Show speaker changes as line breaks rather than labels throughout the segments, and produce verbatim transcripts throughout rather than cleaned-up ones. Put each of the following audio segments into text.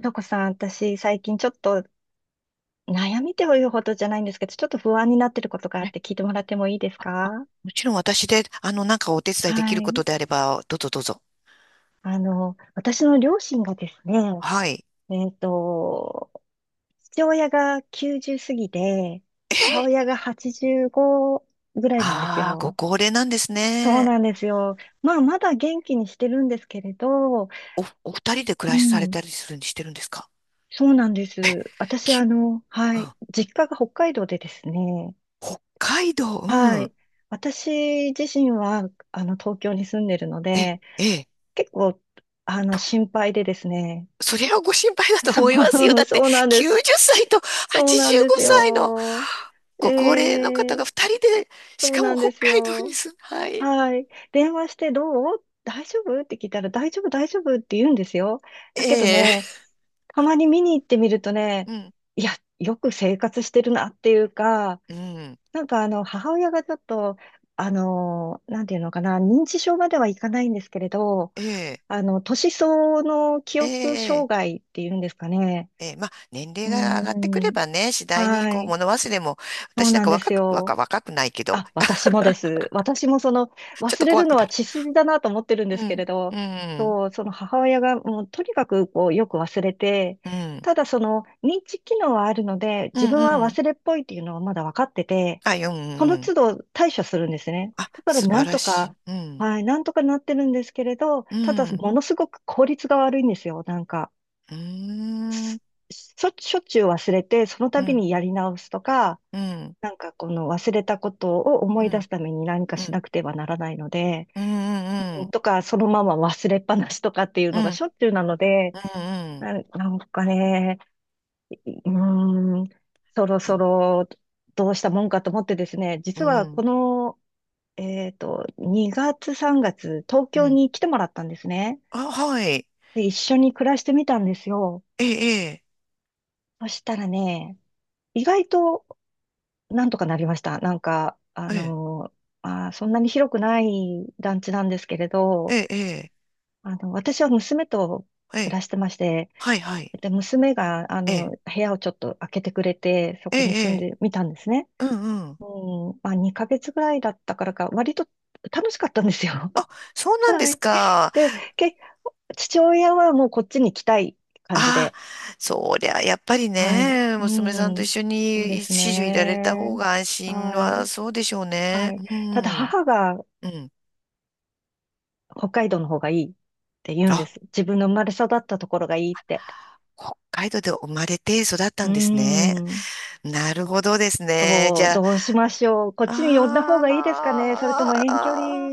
とこさん、私、最近ちょっと悩みというほどじゃないんですけど、ちょっと不安になってることがあっ
ね、
て聞いてもらってもいいですか？
もちろん私で、あの、なんかお手伝いでき
は
ること
い。
であれば、どうぞどうぞ。
あの、私の両親がですね、
はい。
えっと、父親がきゅうじゅう過ぎで、母親がはちじゅうごぐらいなんです
あ あ、ご
よ。
高齢なんです
そう
ね。
なんですよ。まあ、まだ元気にしてるんですけれど、
お、お二人で
う
暮らしされ
ん、
たりするにしてるんですか？
そうなんです。私、あ
き、
の、は
うん、
い、実家が北海道でですね、
北海道、
は
うん。
い。私自身は、あの、東京に住んでるの
え、
で、
ええ、
結構、あの、
と、
心配でですね。
それはご心配だ と
そ
思いますよ。
う、
だって、
そうなんです。
きゅうじゅっさいと
そうなん
85
です
歳の
よ。え
ご高齢の方
え、
が二人で、し
そう
か
な
も
ん
北
です
海道に
よ。
住む。はい。
はい。電話してどう大丈夫って聞いたら大丈夫、大丈夫って言うんですよ。だけど
ええ、
ね、たまに見に行ってみるとね、
うん、
いや、よく生活してるなっていうか、
うん、
なんかあの、母親がちょっと、あの、なんていうのかな、認知症まではいかないんですけれど、
ええ、
あの、年相応の記
え
憶障
え、え
害っていうんですかね。
えーまあ、年
う
齢が上がってく
ー
れ
ん、
ばね、次第に
は
こう
い、
物忘れも、
そう
私なん
なん
か
です
若く、
よ。
若、若くないけど、
あ、
あ、
私もです。私もその、
ちょっ
忘
と
れ
怖
る
く
の
な
は
る。
血筋だなと思ってるん
う
ですけ
ん、
れ
う
ど、
ん、
そう、その母親がもうとにかくこうよく忘れて、
うん、
ただその認知機能はあるので、
う
自
ん、
分
う
は
ん。
忘れっぽいっていうのはまだ分かってて、
あ、うん、う
そ
んう
の都
ん。
度対処するんですね。
あ、
だから
素
な
晴
ん
ら
と
しい。
か、
うん、
はい、なんとかなってるんですけれど、
う
ただ
ん、
ものすごく効率が悪いんですよ。なんか、
うーん、
すしょしょっちゅう忘れて、その
う
度
ん、
にやり直すとか、
うん、
なんかこの忘れたことを思
う
い出
ん、
すために何か
うん、う
し
ん、
なくてはならないので、
う
うん
ん、
とかそのまま忘れっぱなしとかっていう
う
のがし
ん、
ょっちゅうなので、
うん、うん、
な、なんかね、うーん、そろそろどうしたもんかと思ってですね、
う
実はこ
ん、
の、えっと、にがつさんがつ、東
う
京
ん。
に来てもらったんですね。
あ、はい。
で、一緒に暮らしてみたんですよ。
ええ、
そしたらね、意外となんとかなりました。なんか、あ
ええ、ええ、
の、まあー、そんなに広くない団地なんですけれ
え
ど、
え、
あの、私は娘と
え
暮
え、
らしてまして、
はい、はい。
で、娘が、あ
え
の、
え、
部屋をちょっと開けてくれて、そ
え
こに住ん
え、
でみたんですね。
うん、うん。
うん、まあ、にかげつぐらいだったからか、割と楽しかったんですよ。
あ、そう なんで
は
す
い。
か。
で、け、父親はもうこっちに来たい感じ
あ、
で、
そりゃ、やっぱり
はい。
ね、
う
娘さんと一
ん、
緒
そうで
に
す
始終いられた
ね。
方が安心
はい。
はそうでしょう
は
ね。
い。
う
ただ
ん、
母が
うん。
北海道の方がいいって言うんで
あ、
す。自分の生まれ育ったところがいいって。
北海道で生まれて育っ
う
た
ー
んですね。
ん。
なるほどですね。じ
そう、
ゃあ、
どうしましょう。こっちに呼んだ方がいいですかね。それとも遠距離
あ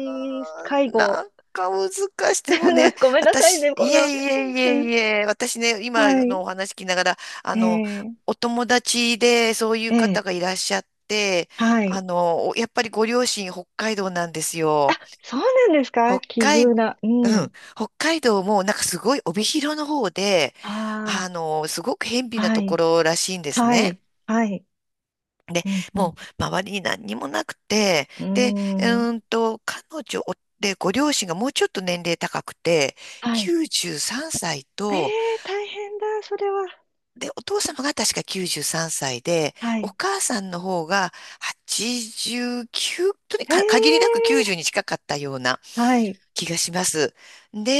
介
ー、
護。
なんか難しい。でもね、
ごめんなさい
私、
ね、こん
い
な。
えいえい
うん、
えいえ、私ね、今
はい。
のお話聞きながら、あの、
ええ
お友達でそういう方
ええ
がいらっしゃって、
は
あ
い。
の、おやっぱりご両親北海道なんです
あ、
よ。
そうなんですか
北
奇
海、
遇な。う
う
ん。
ん、北海道もなんかすごい帯広の方で、あ
あ
の、すごく辺
あ、
鄙な
は
とこ
い。
ろらしいんです
は
ね。
い。はい。
で、
うん、
も
う
う周りに何にもなくて、で、う
ん。うーん。
ーんと、彼女で、ご両親がもうちょっと年齢高くて、
はい。
きゅうじゅうさんさい
え
と、
え大変だ、それは。
で、お父様が確かきゅうじゅうさんさいで、
は
お
い。
母さんの方がはちじゅうきゅう、とに
え
かく限りなくきゅうじゅう
え
に近かったような
はい。
気がします。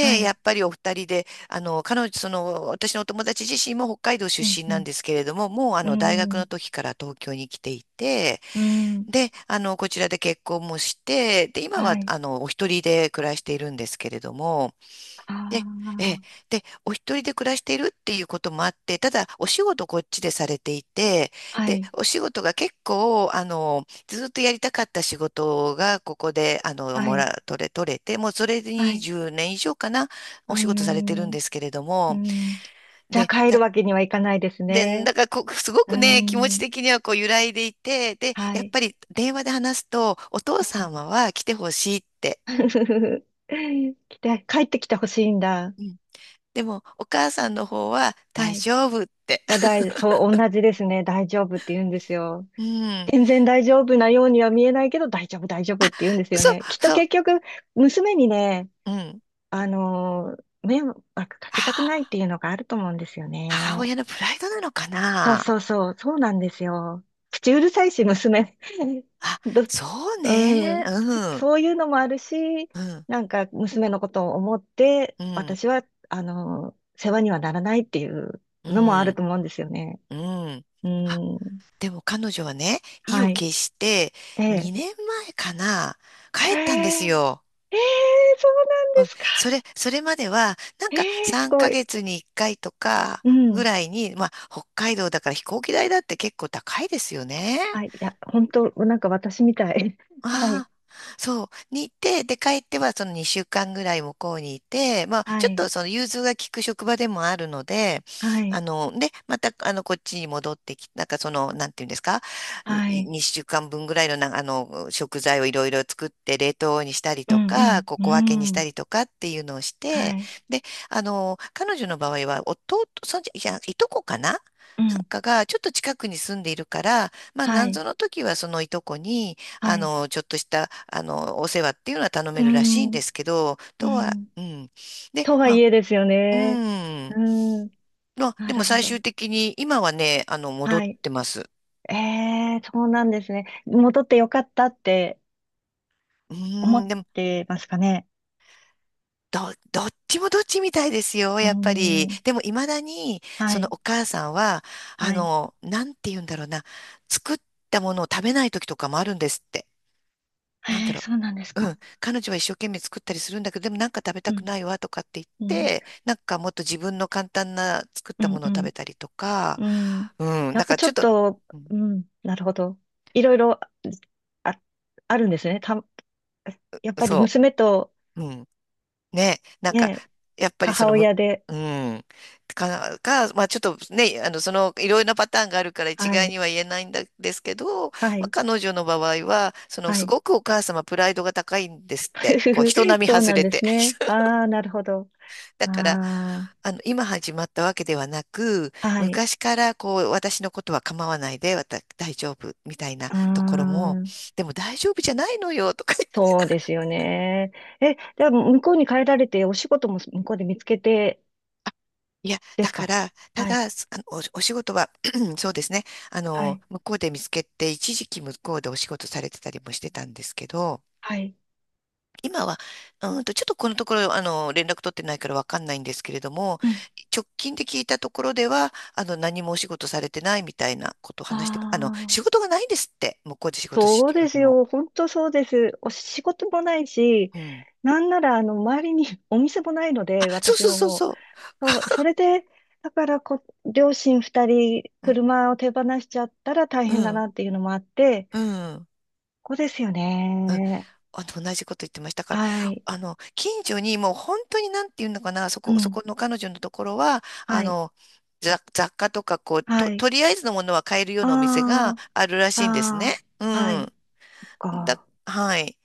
は
や
い。
っぱりお二人で、あの、彼女、その、私のお友達自身も北海道
う
出
ん、
身
う
なんですけれども、もうあの、大
ん、
学
う
の
ん、
時から東京に来ていて、
うん、
で、あの、こちらで結婚もして、で、今
は
は、
い。
あの、お一人で暮らしているんですけれども、で、
あ
ええ、で、お一人で暮らしているっていうこともあって、ただ、お仕事こっちでされていて、
あ、は
で、
い、
お仕事が結構、あの、ずっとやりたかった仕事が、ここで、あの、
は
も
い、
ら、取れ、取れて、もうそれで
はい。
にじゅうねん以上かな、
うー
お仕事されてるん
ん、
ですけれど
う
も、
ん。じゃあ
で、
帰
た
るわけにはいかないです
で、
ね。
だからこう、すご
うー
くね、気持ち
ん、
的にはこう揺らいでいて、で、
は
やっ
い。
ぱり電話で話すと、お父
うん
様は来てほしいって。
来て、帰ってきてほしいんだ。
うん。でも、お母さんの方は
は
大
い。
丈夫って。
だ、大そう、同じですね。大丈夫って言うんですよ。
うん。
全然大丈夫なようには見えないけど、大丈夫、大丈夫って言うんですよ
そう、
ね。きっと
そう、
結局、娘にね、
うん。
あのー、迷惑か
あ
けたくないっ
ー、
ていうのがあると思うんですよ
母
ね。
親のプライドなのか
そう
な。
そうそう、そうなんですよ。口うるさいし、娘。
あ、
ど、
そう
う
ね。
ん、そ
うん、
そういうのもあるし、
うん、
なんか娘のことを思って、
うん、
私は、あの、世話にはならないっていう
う
のもある
ん、
と思うんですよね。
うん。
う
あ、
ん、
でも彼女はね、意
は
を
い。
決して
で、
にねんまえかな、
えー、
帰ったんです
え
よ。
ー、そうなん
う
で
ん、
すか。
それ、それまでは、なんか
えー、す
3
ごい。
ヶ月にいっかいとか
う
ぐ
ん。
らいに、まあ、北海道だから飛行機代だって結構高いですよね。
はい。いや、本当なんか私みたい。はい。
ああ、そう。に行って、で、帰ってはそのにしゅうかんぐらい向こうにいて、まあ、
は
ちょっ
い、
とその融通が利く職場でもあるので、
は
あ
い、
の、で、また、あの、こっちに戻ってき、なんかその、なんていうんですか、
はい、
にしゅうかんぶんぐらいのな、あの、食材をいろいろ作って、冷凍にしたり
う
と
ん、う
か、
ん、
こう
う
小分けにした
ん、
りとかっていうのをし
は
て、
い、
で、あの、彼女の場合は、弟、そんじ、いや、いとこかな
う
な
ん、
んかが、ちょっと近くに住んでいるから、まあ、
は
なん
い、
ぞの時はそのいとこに、
は
あ
い、
の、ちょっとした、あの、お世話っていうのは頼
う
めるらしいんで
ん、
すけど、
う
とは、
ん、
うん。で、
とは
ま
い
あ、
えですよ
う
ね。
ん。
うん、
まあ、
な
でも
るほ
最
ど。
終的に、今はね、あの、戻
は
っ
い。
てます。
ええ、そうなんですね。戻ってよかったって
う
思
ー
っ
ん、でも、
てますかね。
ど、どっちもどっちみたいですよ、
う
やっぱり。
ん、
でも、未だに、
は
その
い、
お母さんは、あ
はい。
の、なんて言うんだろうな、作ったものを食べない時とかもあるんですって。なん
え
だ
え、
ろう、
そうなんです
う
か。
ん、彼女は一生懸命作ったりするんだけど、でもなんか食べ
う
たく
ん、
ないわとかって言っ
うん、
て、なんかもっと自分の簡単な作っ
う
たも
ん、
のを
う
食べ
ん、
たりとか、
うん。
うん、
や
なん
っぱ
か
ちょ
ちょっ
っ
と、
と、
うん、
うん、なるほど。いろいろ、ああるんですね。た、やっぱり
そ
娘と
う、うん、ね、なんか、
ね、
やっぱりそ
母
のむ、
親で、
うん、か、か、まあちょっとね、あの、その、いろいろなパターンがあるから一
は
概
い、
には言えないんだですけど、
は
まあ
い、
彼女の場合は、その、
は
す
い。
ごくお母様プライドが高いんですって、こう、人 並み
そう
外
なん
れ
で
て。
すね。ああ、なるほど。
だから、
あ
あの、今始まったわけではなく、
あ、はい。
昔からこう、私のことは構わないで、わた、大丈夫みたいな
あ
ところも、
あ、
でも大丈夫じゃないのよ、とか言って。
そう ですよね。え、じゃあ向こうに帰られて、お仕事も向こうで見つけて
いや、
で
だ
す
か
か？
ら、た
はい、
だ、すあの、お、お仕事は、そうですね、あ
は
の、
い、
向こうで見つけて、一時期向こうでお仕事されてたりもしてたんですけど、
はい。
今は、うんと、ちょっとこのところ、あの、連絡取ってないからわかんないんですけれども、
うん。
直近で聞いたところでは、あの、何もお仕事されてないみたいなことを
あ
話して、あの、仕
あ、
事がないんですって、向こうで仕事し
そう
てる
で
よ
す
りも。
よ。本当そうです。お仕事もないし、
うん。
なんなら、あの、周りに お店もないの
あ、
で、
そう
私
そう
の
そう
方。
そ
そう、それで、だからこ、両親ふたり、
う。うん、
車を手放しちゃったら大
う
変だ
ん、
なっていうのもあって、
うん。
ここですよ
うん、
ね。
あの、同じこと言ってましたから、
はい。
あの、近所にもう本当になんていうのかな、そ
う
こ、そ
ん。
この彼女のところは、あ
はい。
の、雑、雑貨とか、こう、
は
と、
い。
とりあえずのものは買えるよ
あ
うなお店があるら
あ、
しいんですね。
あ
う
あ、はい。
ん。だ、
か。
はい。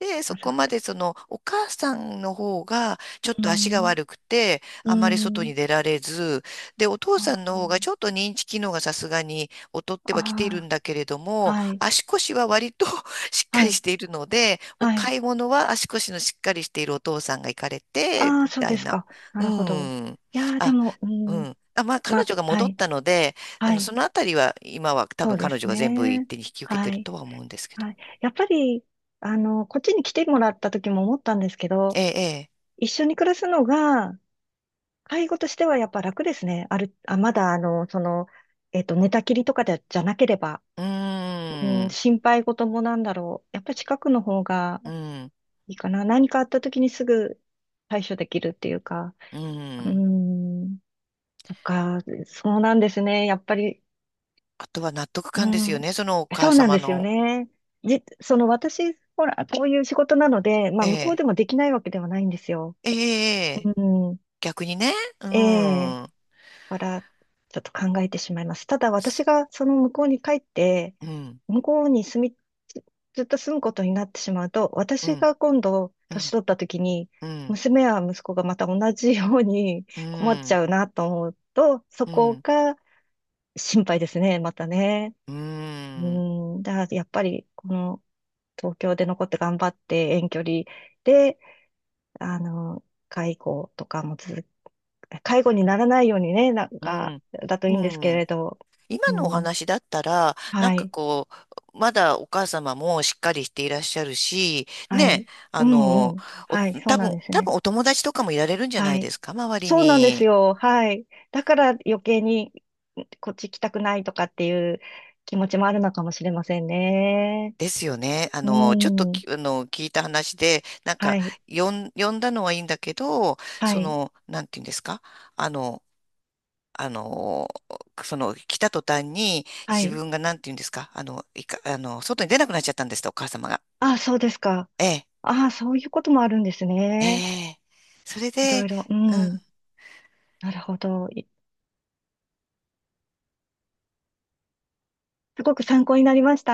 で、
な
そ
る
こま
ほ
でその、お母さんの方が、
ど。
ちょっ
う
と足が
ん。
悪くて、
う
あまり外
ん。
に出られず、で、お父
あ
さんの方がちょっと認知機能がさすがに劣ってはきている
あ、あ
んだけれど
あ
も、
はい。
足腰は割と しっか
は
りし
い。
ているので、お
はい。
買い物は足腰のしっかりしているお父さんが行かれて、
ああ、
み
そう
た
で
い
す
な。
か。な
う
るほど。
ん。
いやー、で
あ、
も、う
う
ん。
ん。あ、まあ、彼
ま、
女が
は
戻っ
い。
たので、あ
は
の、
い。
そのあたりは、今は多
そう
分
で
彼
す
女が全部一
ね。
手に引き受けて
は
る
い。
とは思うんですけど。
はい。やっぱり、あの、こっちに来てもらった時も思ったんですけど、
ええ、ええ。
一緒に暮らすのが、介護としてはやっぱ楽ですね。ある、あ、まだ、あの、その、えっと、寝たきりとかで、じゃなければ、
うー
うん、
ん、
心配事もなんだろう。やっぱり近くの方が
うん、
いいかな。何かあった時にすぐ対処できるっていうか、
う
う
ん。
ん、とか、そうなんですね。やっぱり
あとは納得
う
感です
ん、
よね、そのお
そ
母
うなん
様
ですよ
の。
ね。じ、その私、ほら、こういう仕事なので、まあ、
え
向こう
え、
でもできないわけではないんですよ。
ええ、ええ、
うん、
逆にね。う
ええ、
ん、うん、
から、ちょっと考えてしまいます。ただ、私がその向こうに帰って、
うん、
向こうに住み、ずずっと住むことになってしまうと、
う
私
ん、
が今度、年取った時に、
うん、
娘や息子がまた同じように
う
困っち
ん、
ゃうなと思うと、そ
う
こ
ん、
が心配ですね、またね。
う
う
ん、
ん、だからやっぱり、この、東京で残って頑張って遠距離で、あの、介護とかも続く、介護にならないようにね、なん
う
か、
ん。
だと
う
いいんですけ
ん、
れど、
今
う
のお
ん、
話だったら、なん
は
か
い、
こう、まだお母様もしっかりしていらっしゃるし、
は
ね、
い、う
あ
ん
の、
うん、
お、
はい、そう
多
なん
分、
です
多
ね。
分お友達とかもいられるんじゃな
は
いで
い。
すか、周り
そうなんです
に。
よ。はい。だから余計にこっち来たくないとかっていう気持ちもあるのかもしれませんね。
ですよね。あ
う
の、ちょっと
ん。
き、あの、聞いた話で、なん
は
か、
い。
呼ん、呼んだのはいいんだけど、
は
そ
い。
の、なんていうんですか、あの、あの、その、来た途端に、
は
自
い。
分がなんていうんですか、あの、いか、あの、外に出なくなっちゃったんですって、お母様が。
あ、そうですか。
ええ、
あ、そういうこともあるんです
え
ね。
え。それ
いろ
で、
いろ、う
う
ん。
ん
なるほど。いすごく参考になりました。